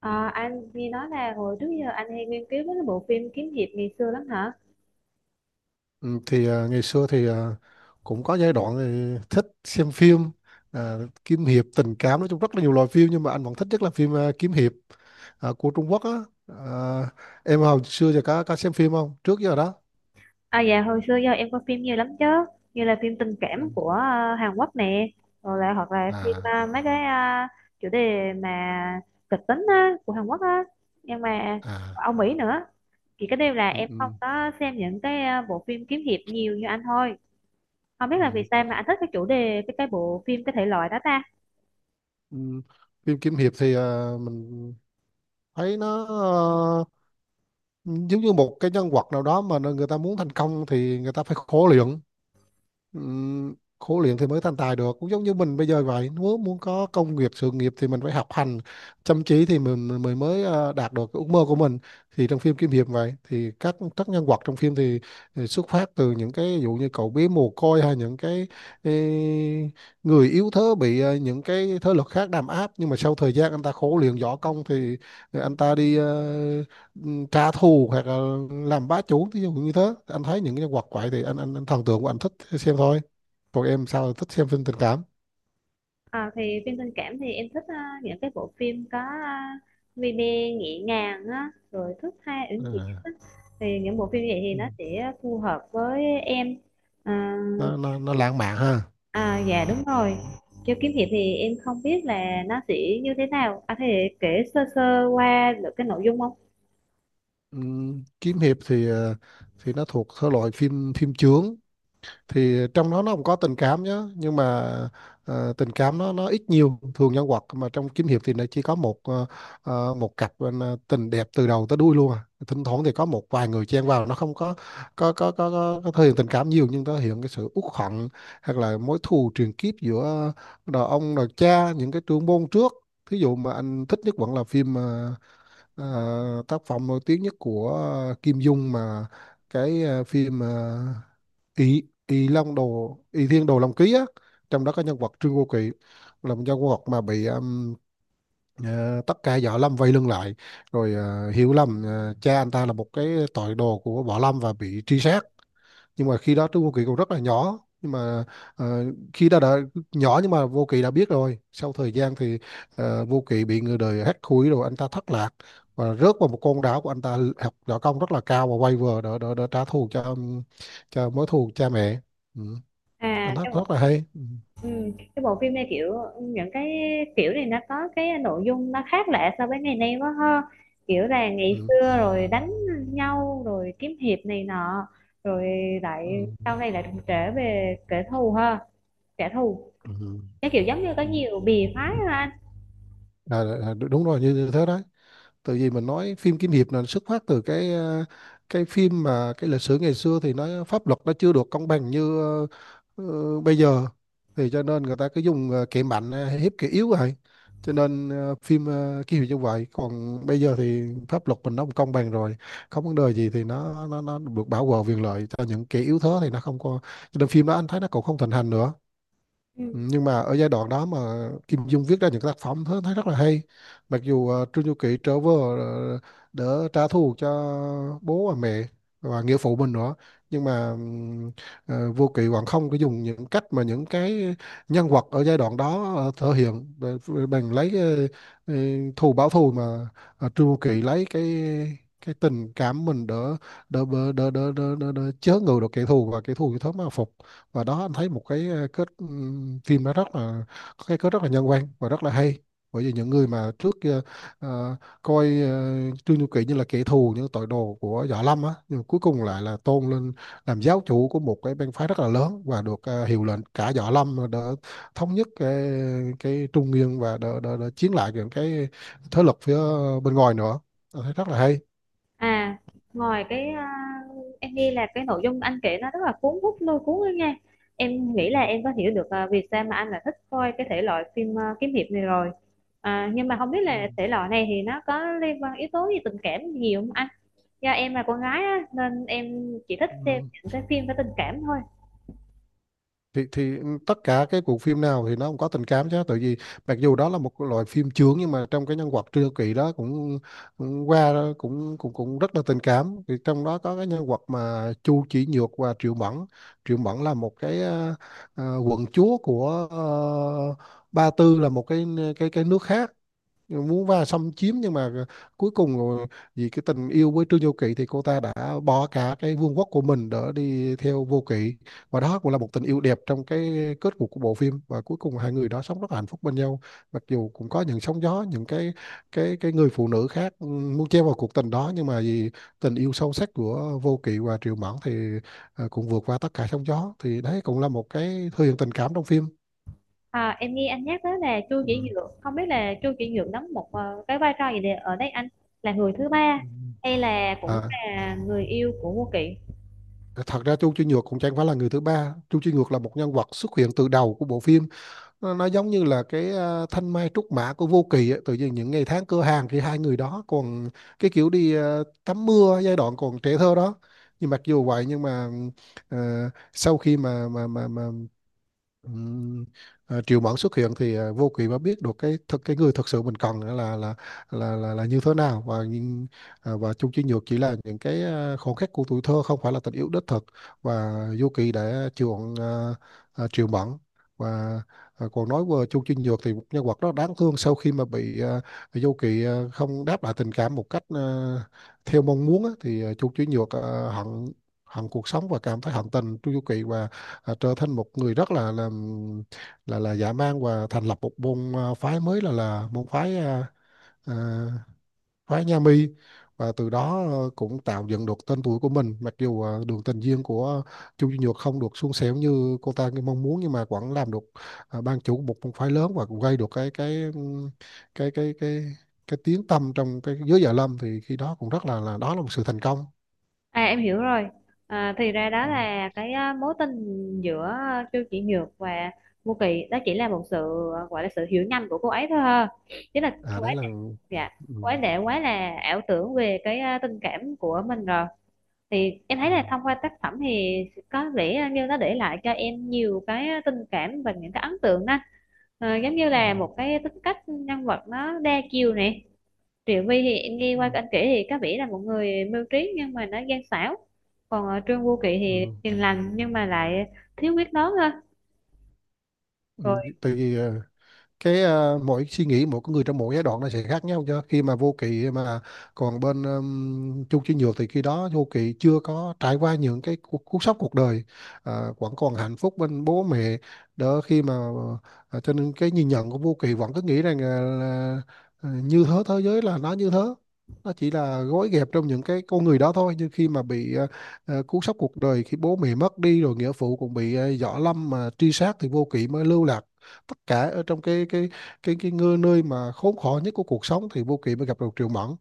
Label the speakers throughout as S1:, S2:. S1: À, anh nghe nói là hồi trước giờ anh hay nghiên cứu mấy cái bộ phim kiếm hiệp ngày xưa lắm hả?
S2: Ừ, thì ngày xưa thì cũng có giai đoạn thì thích xem phim à, kiếm hiệp tình cảm. Nói chung rất là nhiều loại phim nhưng mà anh vẫn thích nhất là phim kiếm hiệp của Trung Quốc á. à, em hồi xưa giờ có xem phim không, trước giờ đó?
S1: À dạ, hồi xưa giờ em coi phim nhiều lắm chứ. Như là phim tình
S2: Ừ.
S1: cảm của Hàn Quốc nè. Rồi lại hoặc là phim
S2: À.
S1: mấy cái chủ đề mà kịch tính á, của Hàn Quốc á. Nhưng mà
S2: À.
S1: Âu Mỹ nữa. Chỉ cái điều là
S2: Ừ,
S1: em không
S2: ừ,
S1: có xem những cái bộ phim kiếm hiệp nhiều như anh thôi. Không biết là vì
S2: ừ,
S1: sao mà anh thích cái chủ đề, cái bộ phim, cái thể loại đó ta.
S2: ừ. Phim kiếm hiệp thì mình thấy nó à, giống như một cái nhân vật nào đó mà người ta muốn thành công thì người ta phải khổ luyện. Khổ luyện thì mới thành tài được, cũng giống như mình bây giờ vậy, nếu muốn có công việc sự nghiệp thì mình phải học hành chăm chỉ thì mình mới mới, ờ, đạt được cái ước mơ của mình. Thì trong phim kiếm hiệp vậy thì các nhân vật trong phim thì xuất phát từ những cái ví dụ như cậu bé mồ côi, hay những cái ê, người yếu thế bị những cái thế lực khác đàn áp, nhưng mà sau thời gian anh ta khổ luyện võ công thì anh ta đi trả thù hoặc là làm bá chủ, thí dụ như thế. Anh thấy những cái nhân vật vậy thì anh thần tượng của anh thích xem thôi. Còn em sao thích xem phim tình cảm?
S1: À, thì phim tình cảm thì em thích những cái bộ phim có vi bê, nhẹ nhàng á, rồi thước tha uyển chuyển
S2: À.
S1: á. Thì những bộ phim vậy thì
S2: Ừ.
S1: nó sẽ phù hợp với em. À,
S2: nó lãng mạn ha.
S1: à dạ đúng rồi. Kiêu kiếm hiệp thì em không biết là nó sẽ như thế nào. À, thì kể sơ sơ qua được cái nội dung không?
S2: Ừ. Kiếm hiệp thì thì nó thuộc thể loại phim phim chướng. Thì trong đó nó cũng có tình cảm nhá, nhưng mà tình cảm nó ít nhiều, thường nhân vật mà trong kiếm hiệp thì nó chỉ có một cặp, tình đẹp từ đầu tới đuôi luôn. À, thỉnh thoảng thì có một vài người chen vào, nó không có thể hiện tình cảm nhiều, nhưng nó hiện cái sự uất hận, hoặc là mối thù truyền kiếp giữa đời ông, đời cha, những cái trưởng môn trước. Thí dụ mà anh thích nhất vẫn là phim, tác phẩm nổi tiếng nhất của Kim Dung, mà cái phim ý ý long đồ ý thiên đồ long ký á. Trong đó có nhân vật Trương Vô Kỵ, là một nhân vật mà bị tất cả võ lâm vây lưng lại, rồi hiểu lầm cha anh ta là một cái tội đồ của võ lâm và bị truy sát. Nhưng mà khi đó Trúc Vô Kỵ còn rất là nhỏ, nhưng mà ờ, khi đó đã nhỏ nhưng mà Vô Kỵ đã biết rồi. Sau thời gian thì Vô Kỵ bị người đời hắt hủi, rồi anh ta thất lạc và rớt vào một con đảo, của anh ta học võ công rất là cao và quay về để trả thù cho mối thù cha mẹ. Ừ. Anh
S1: À,
S2: thắc
S1: cái
S2: rất
S1: bộ
S2: là hay. Ừ.
S1: Cái bộ phim này, kiểu, những cái kiểu này nó có cái nội dung nó khác lạ so với ngày nay quá ha. Kiểu là ngày
S2: Ừ.
S1: xưa rồi đánh nhau rồi kiếm hiệp này nọ, rồi
S2: Ừ.
S1: lại sau này lại đụng trễ về kẻ thù ha, kẻ thù.
S2: Ừ.
S1: Cái kiểu giống như có
S2: Ừ.
S1: nhiều bì phái ha anh.
S2: À, đúng rồi, như thế đó. Từ vì mình nói phim kiếm hiệp là xuất phát từ cái cái phim, mà cái lịch sử ngày xưa thì nó pháp luật nó chưa được công bằng như bây giờ. Thì cho nên người ta cứ dùng kẻ mạnh hiếp kẻ yếu vậy. Cho nên phim kiếm hiệp như vậy. Còn bây giờ thì pháp luật mình nó cũng công bằng rồi, không vấn đề gì thì nó được bảo vệ quyền lợi cho những kẻ yếu thế, thì nó không có. Cho nên phim đó anh thấy nó cũng không thịnh hành nữa.
S1: Ừ.
S2: Ừ, nhưng mà ở giai đoạn đó mà Kim Dung viết ra những cái tác phẩm thấy rất là hay. Mặc dù Trương Du Kỵ trở về, ờ, để trả thù cho bố và mẹ và nghĩa phụ mình nữa, nhưng mà Vô Kỵ vẫn không có dùng những cách mà những cái nhân vật ở giai đoạn đó thể hiện, bằng bằng lấy ờ, thù báo thù, mà Trương Du Kỵ lấy cái tình cảm mình đỡ đỡ đỡ đỡ đỡ, đỡ, đỡ chớ ngự được kẻ thù, và kẻ thù thì thớm mà phục. Và đó anh thấy một cái kết phim đó rất là có cái kết rất là nhân văn và rất là hay. Bởi vì những người mà trước kia ờ, coi Trương Du Kỳ như là kẻ thù, những tội đồ của Võ Lâm á, nhưng mà cuối cùng lại là tôn lên làm giáo chủ của một cái bang phái rất là lớn, và được hiệu lệnh cả Võ Lâm, mà thống nhất cái Trung Nguyên, và đỡ, đỡ, đỡ chiến lại những cái thế lực phía bên ngoài nữa. Anh thấy rất là hay.
S1: À, ngoài cái em nghĩ là cái nội dung anh kể nó rất là cuốn hút lôi cuốn ấy nha. Em nghĩ
S2: Ừ.
S1: là em có hiểu được vì sao mà anh lại thích coi cái thể loại phim kiếm hiệp này rồi. À, nhưng mà không biết
S2: Ừ.
S1: là thể loại này thì nó có liên quan yếu tố gì tình cảm nhiều không anh? Do em là con gái á, nên em chỉ thích xem
S2: Ừ.
S1: những cái phim có tình cảm thôi.
S2: Thì tất cả cái bộ phim nào thì nó cũng có tình cảm chứ, tại vì mặc dù đó là một loại phim chướng nhưng mà trong cái nhân vật Trương Kỳ đó cũng qua đó cũng cũng cũng rất là tình cảm. Thì trong đó có cái nhân vật mà Chu Chỉ Nhược và Triệu Mẫn. Triệu Mẫn là một cái quận chúa của Ba Tư, là một cái nước khác muốn vào xâm chiếm. Nhưng mà cuối cùng rồi, vì cái tình yêu với Trương Vô Kỵ thì cô ta đã bỏ cả cái vương quốc của mình để đi theo Vô Kỵ. Và đó cũng là một tình yêu đẹp trong cái kết cục của bộ phim, và cuối cùng hai người đó sống rất là hạnh phúc bên nhau. Mặc dù cũng có những sóng gió, những cái người phụ nữ khác muốn chen vào cuộc tình đó, nhưng mà vì tình yêu sâu sắc của Vô Kỵ và Triệu Mẫn thì cũng vượt qua tất cả sóng gió. Thì đấy cũng là một cái thể hiện tình cảm trong phim.
S1: À, em nghe anh nhắc tới là Chu
S2: Ừ.
S1: Chỉ Nhượng, không biết là Chu Chỉ Nhượng đóng một cái vai trò gì để ở đây anh, là người thứ ba
S2: Ừ.
S1: hay là cũng
S2: à
S1: là người yêu của Ngô Kỵ?
S2: Thật ra Chu Chi Nhược cũng chẳng phải là người thứ ba. Chu Chi Nhược là một nhân vật xuất hiện từ đầu của bộ phim. Nó giống như là cái thanh mai trúc mã của Vô Kỳ ấy. Tự nhiên những ngày tháng cửa hàng thì hai người đó còn cái kiểu đi tắm mưa giai đoạn còn trẻ thơ đó. Nhưng mặc dù vậy, nhưng mà ờ, sau khi mà Ừm, triệu mẫn xuất hiện thì vô kỵ mới biết được cái thực, cái người thật sự mình cần là như thế nào. Và nhưng và Chung Chi Nhược chỉ là những cái khoảnh khắc của tuổi thơ, không phải là tình yêu đích thực. Và vô kỵ đã chuộng triệu mẫn. Và còn nói về Chung Chi Nhược thì một nhân vật rất đáng thương. Sau khi mà bị vô kỵ không đáp lại tình cảm một cách theo mong muốn á, thì Chung Chi Nhược hận, hận cuộc sống và cảm thấy hận tình Chu Du Kỵ, và trở thành một người rất là dã man, và thành lập một môn phái mới, là môn phái à, phái Nha Mi. Và từ đó cũng tạo dựng được tên tuổi của mình. Mặc dù đường tình duyên của Chu Duy Nhược không được suôn sẻ như cô ta mong muốn, nhưng mà vẫn làm được ban chủ của một môn phái lớn, và cũng gây được cái cái cái cái tiếng tăm trong cái giới Dạ Lâm. Thì khi đó cũng rất là, đó là một sự thành công.
S1: À em hiểu rồi. À, thì ra đó
S2: Ừ.
S1: là cái mối tình giữa Chu Chỉ Nhược và Vô Kỵ đó chỉ là một sự gọi là sự hiểu nhầm của cô ấy thôi ha. Chứ là
S2: À,
S1: cô ấy,
S2: đấy là.
S1: dạ,
S2: Ừ.
S1: cô ấy đã quá là ảo tưởng về cái tình cảm của mình rồi. Thì em thấy
S2: Ừ.
S1: là thông qua tác phẩm thì có vẻ như nó để lại cho em nhiều cái tình cảm và những cái ấn tượng đó. Ờ, giống như
S2: Ừ.
S1: là một cái tính cách nhân vật nó đa chiều này. Triệu Vy thì em nghe
S2: Ừ.
S1: qua anh kể thì có vẻ là một người mưu trí nhưng mà nó gian xảo, còn ở Trương Vô Kỵ
S2: Ừ.
S1: thì
S2: Ừ.
S1: hiền lành nhưng mà lại thiếu quyết đoán hơn.
S2: Ừ,
S1: rồi
S2: tại vì cái mỗi suy nghĩ, mỗi con người trong mỗi giai đoạn nó sẽ khác nhau chứ. Khi mà vô kỵ mà còn bên Chung Chí Nhược thì khi đó vô kỵ chưa có trải qua những cái cú sốc cuộc đời. Ờ, vẫn còn hạnh phúc bên bố mẹ khi mà cho nên cái nhìn nhận của vô kỵ vẫn cứ nghĩ rằng là như thế, thế giới là nó như thế. Nó chỉ là gói ghẹp trong những cái con người đó thôi, nhưng khi mà bị cú sốc cuộc đời, khi bố mẹ mất đi rồi nghĩa phụ cũng bị võ lâm mà truy sát, thì vô kỵ mới lưu lại tất cả ở trong cái nơi mà khốn khổ nhất của cuộc sống. Thì Vô Kỵ mới gặp được Triệu Mẫn,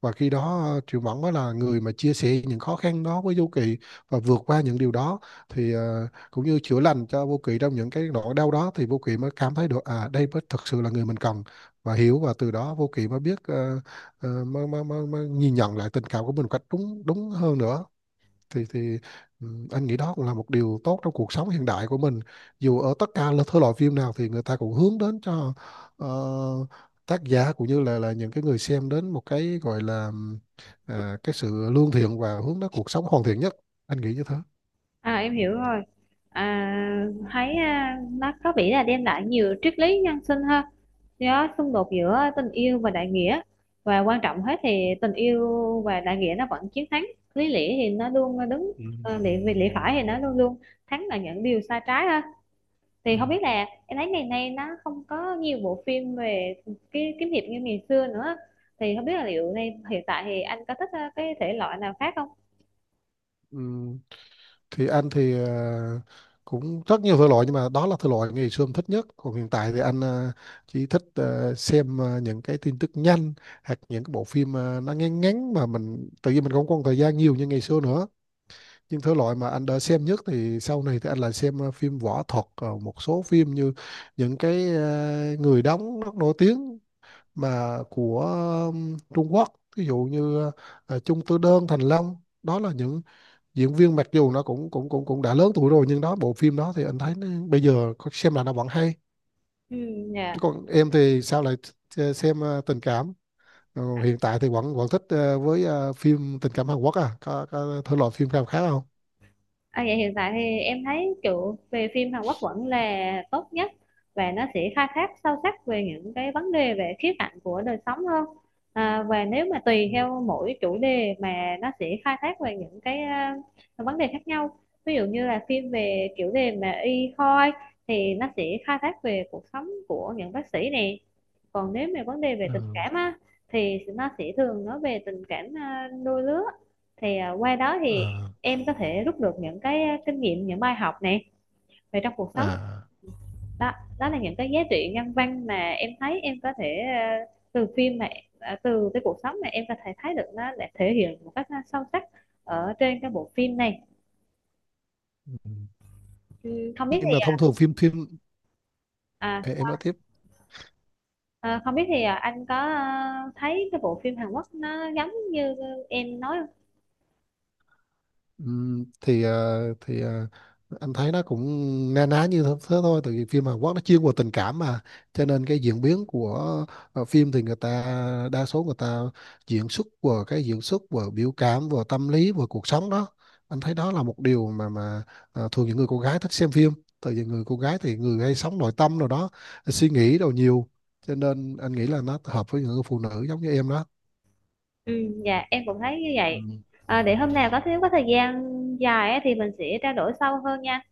S2: và khi đó Triệu Mẫn mới là người mà chia sẻ những khó khăn đó với Vô Kỵ và vượt qua những điều đó. Thì cũng như chữa lành cho Vô Kỵ trong những cái nỗi đau đó, thì Vô Kỵ mới cảm thấy được, à đây mới thực sự là người mình cần và hiểu. Và từ đó Vô Kỵ mới biết mới nhìn nhận lại tình cảm của mình một cách đúng đúng hơn nữa. Thì anh nghĩ đó cũng là một điều tốt trong cuộc sống hiện đại của mình. Dù ở tất cả là thể loại phim nào thì người ta cũng hướng đến cho ờ, tác giả cũng như là những cái người xem đến một cái gọi là cái sự lương thiện và hướng đến cuộc sống hoàn thiện nhất. Anh nghĩ như thế.
S1: em hiểu rồi. Thấy nó có vẻ là đem lại nhiều triết lý nhân sinh hơn, do xung đột giữa tình yêu và đại nghĩa. Và quan trọng hết thì tình yêu và đại nghĩa nó vẫn chiến thắng. Lý lẽ thì nó luôn đứng,
S2: Ừ.
S1: lý về lẽ phải thì nó luôn luôn thắng là những điều sai trái ha.
S2: Ừ.
S1: Thì không biết là em thấy ngày nay nó không có nhiều bộ phim về cái kiếm hiệp như ngày xưa nữa. Thì không biết là liệu nay hiện tại thì anh có thích cái thể loại nào khác không?
S2: Ừ. Thì anh thì cũng rất nhiều thể loại, nhưng mà đó là thể loại ngày xưa em thích nhất. Còn hiện tại thì anh chỉ thích xem những cái tin tức nhanh, hoặc những cái bộ phim nó ngắn ngắn, mà mình tự nhiên mình không còn thời gian nhiều như ngày xưa nữa. Nhưng thể loại mà anh đã xem nhất thì sau này thì anh lại xem phim võ thuật, một số phim như những cái người đóng rất nổi tiếng mà của Trung Quốc, ví dụ như Chung Tư Đơn, Thành Long. Đó là những diễn viên mặc dù nó cũng cũng cũng cũng đã lớn tuổi rồi, nhưng đó bộ phim đó thì anh thấy nó, bây giờ xem là nó vẫn hay.
S1: Ừ,
S2: Chứ
S1: dạ.
S2: còn em thì sao lại xem tình cảm? Ờ, hiện tại thì vẫn vẫn thích với phim tình cảm Hàn Quốc à, có thể loại phim nào khác không?
S1: À, vậy hiện tại thì em thấy kiểu về phim Hàn Quốc vẫn là tốt nhất, và nó sẽ khai thác sâu sắc về những cái vấn đề về khía cạnh của đời sống hơn. À, và nếu mà tùy theo mỗi chủ đề mà nó sẽ khai thác về những cái vấn đề khác nhau. Ví dụ như là phim về chủ đề mà y khoa thì nó sẽ khai thác về cuộc sống của những bác sĩ nè. Còn nếu mà vấn đề về tình
S2: Ừ.
S1: cảm á, thì nó sẽ thường nói về tình cảm đôi lứa. Thì à, qua đó thì
S2: Ờ.
S1: em có thể rút được những cái kinh nghiệm, những bài học này về trong cuộc sống
S2: À.
S1: đó. Đó là những cái giá trị nhân văn mà em thấy em có thể ờ, từ phim mà từ cái cuộc sống mà em có thể thấy được, nó để thể hiện một cách sâu sắc ở trên cái bộ phim này.
S2: Ừ.
S1: Ừ, không biết
S2: Nhưng
S1: thì
S2: mà thông thường phim phim
S1: à,
S2: Ê, em nói tiếp.
S1: à, Không biết thì anh có thấy cái bộ phim Hàn Quốc nó giống như em nói không?
S2: Thì anh thấy nó cũng na ná như thế thế thôi. Tại vì phim Hàn Quốc nó chuyên vào tình cảm, mà cho nên cái diễn biến của phim thì người ta, đa số người ta diễn xuất vào cái diễn xuất vào biểu cảm, vào tâm lý, vào cuộc sống đó. Anh thấy đó là một điều mà thường những người cô gái thích xem phim, tại vì người cô gái thì người hay sống nội tâm rồi đó, suy nghĩ đồ nhiều. Cho nên anh nghĩ là nó hợp với những người phụ nữ giống như em đó.
S1: Ừ, dạ em cũng thấy như vậy.
S2: Ừm,
S1: À, để hôm nào có thiếu có thời gian dài á thì mình sẽ trao đổi sâu hơn nha.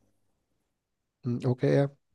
S2: ok em.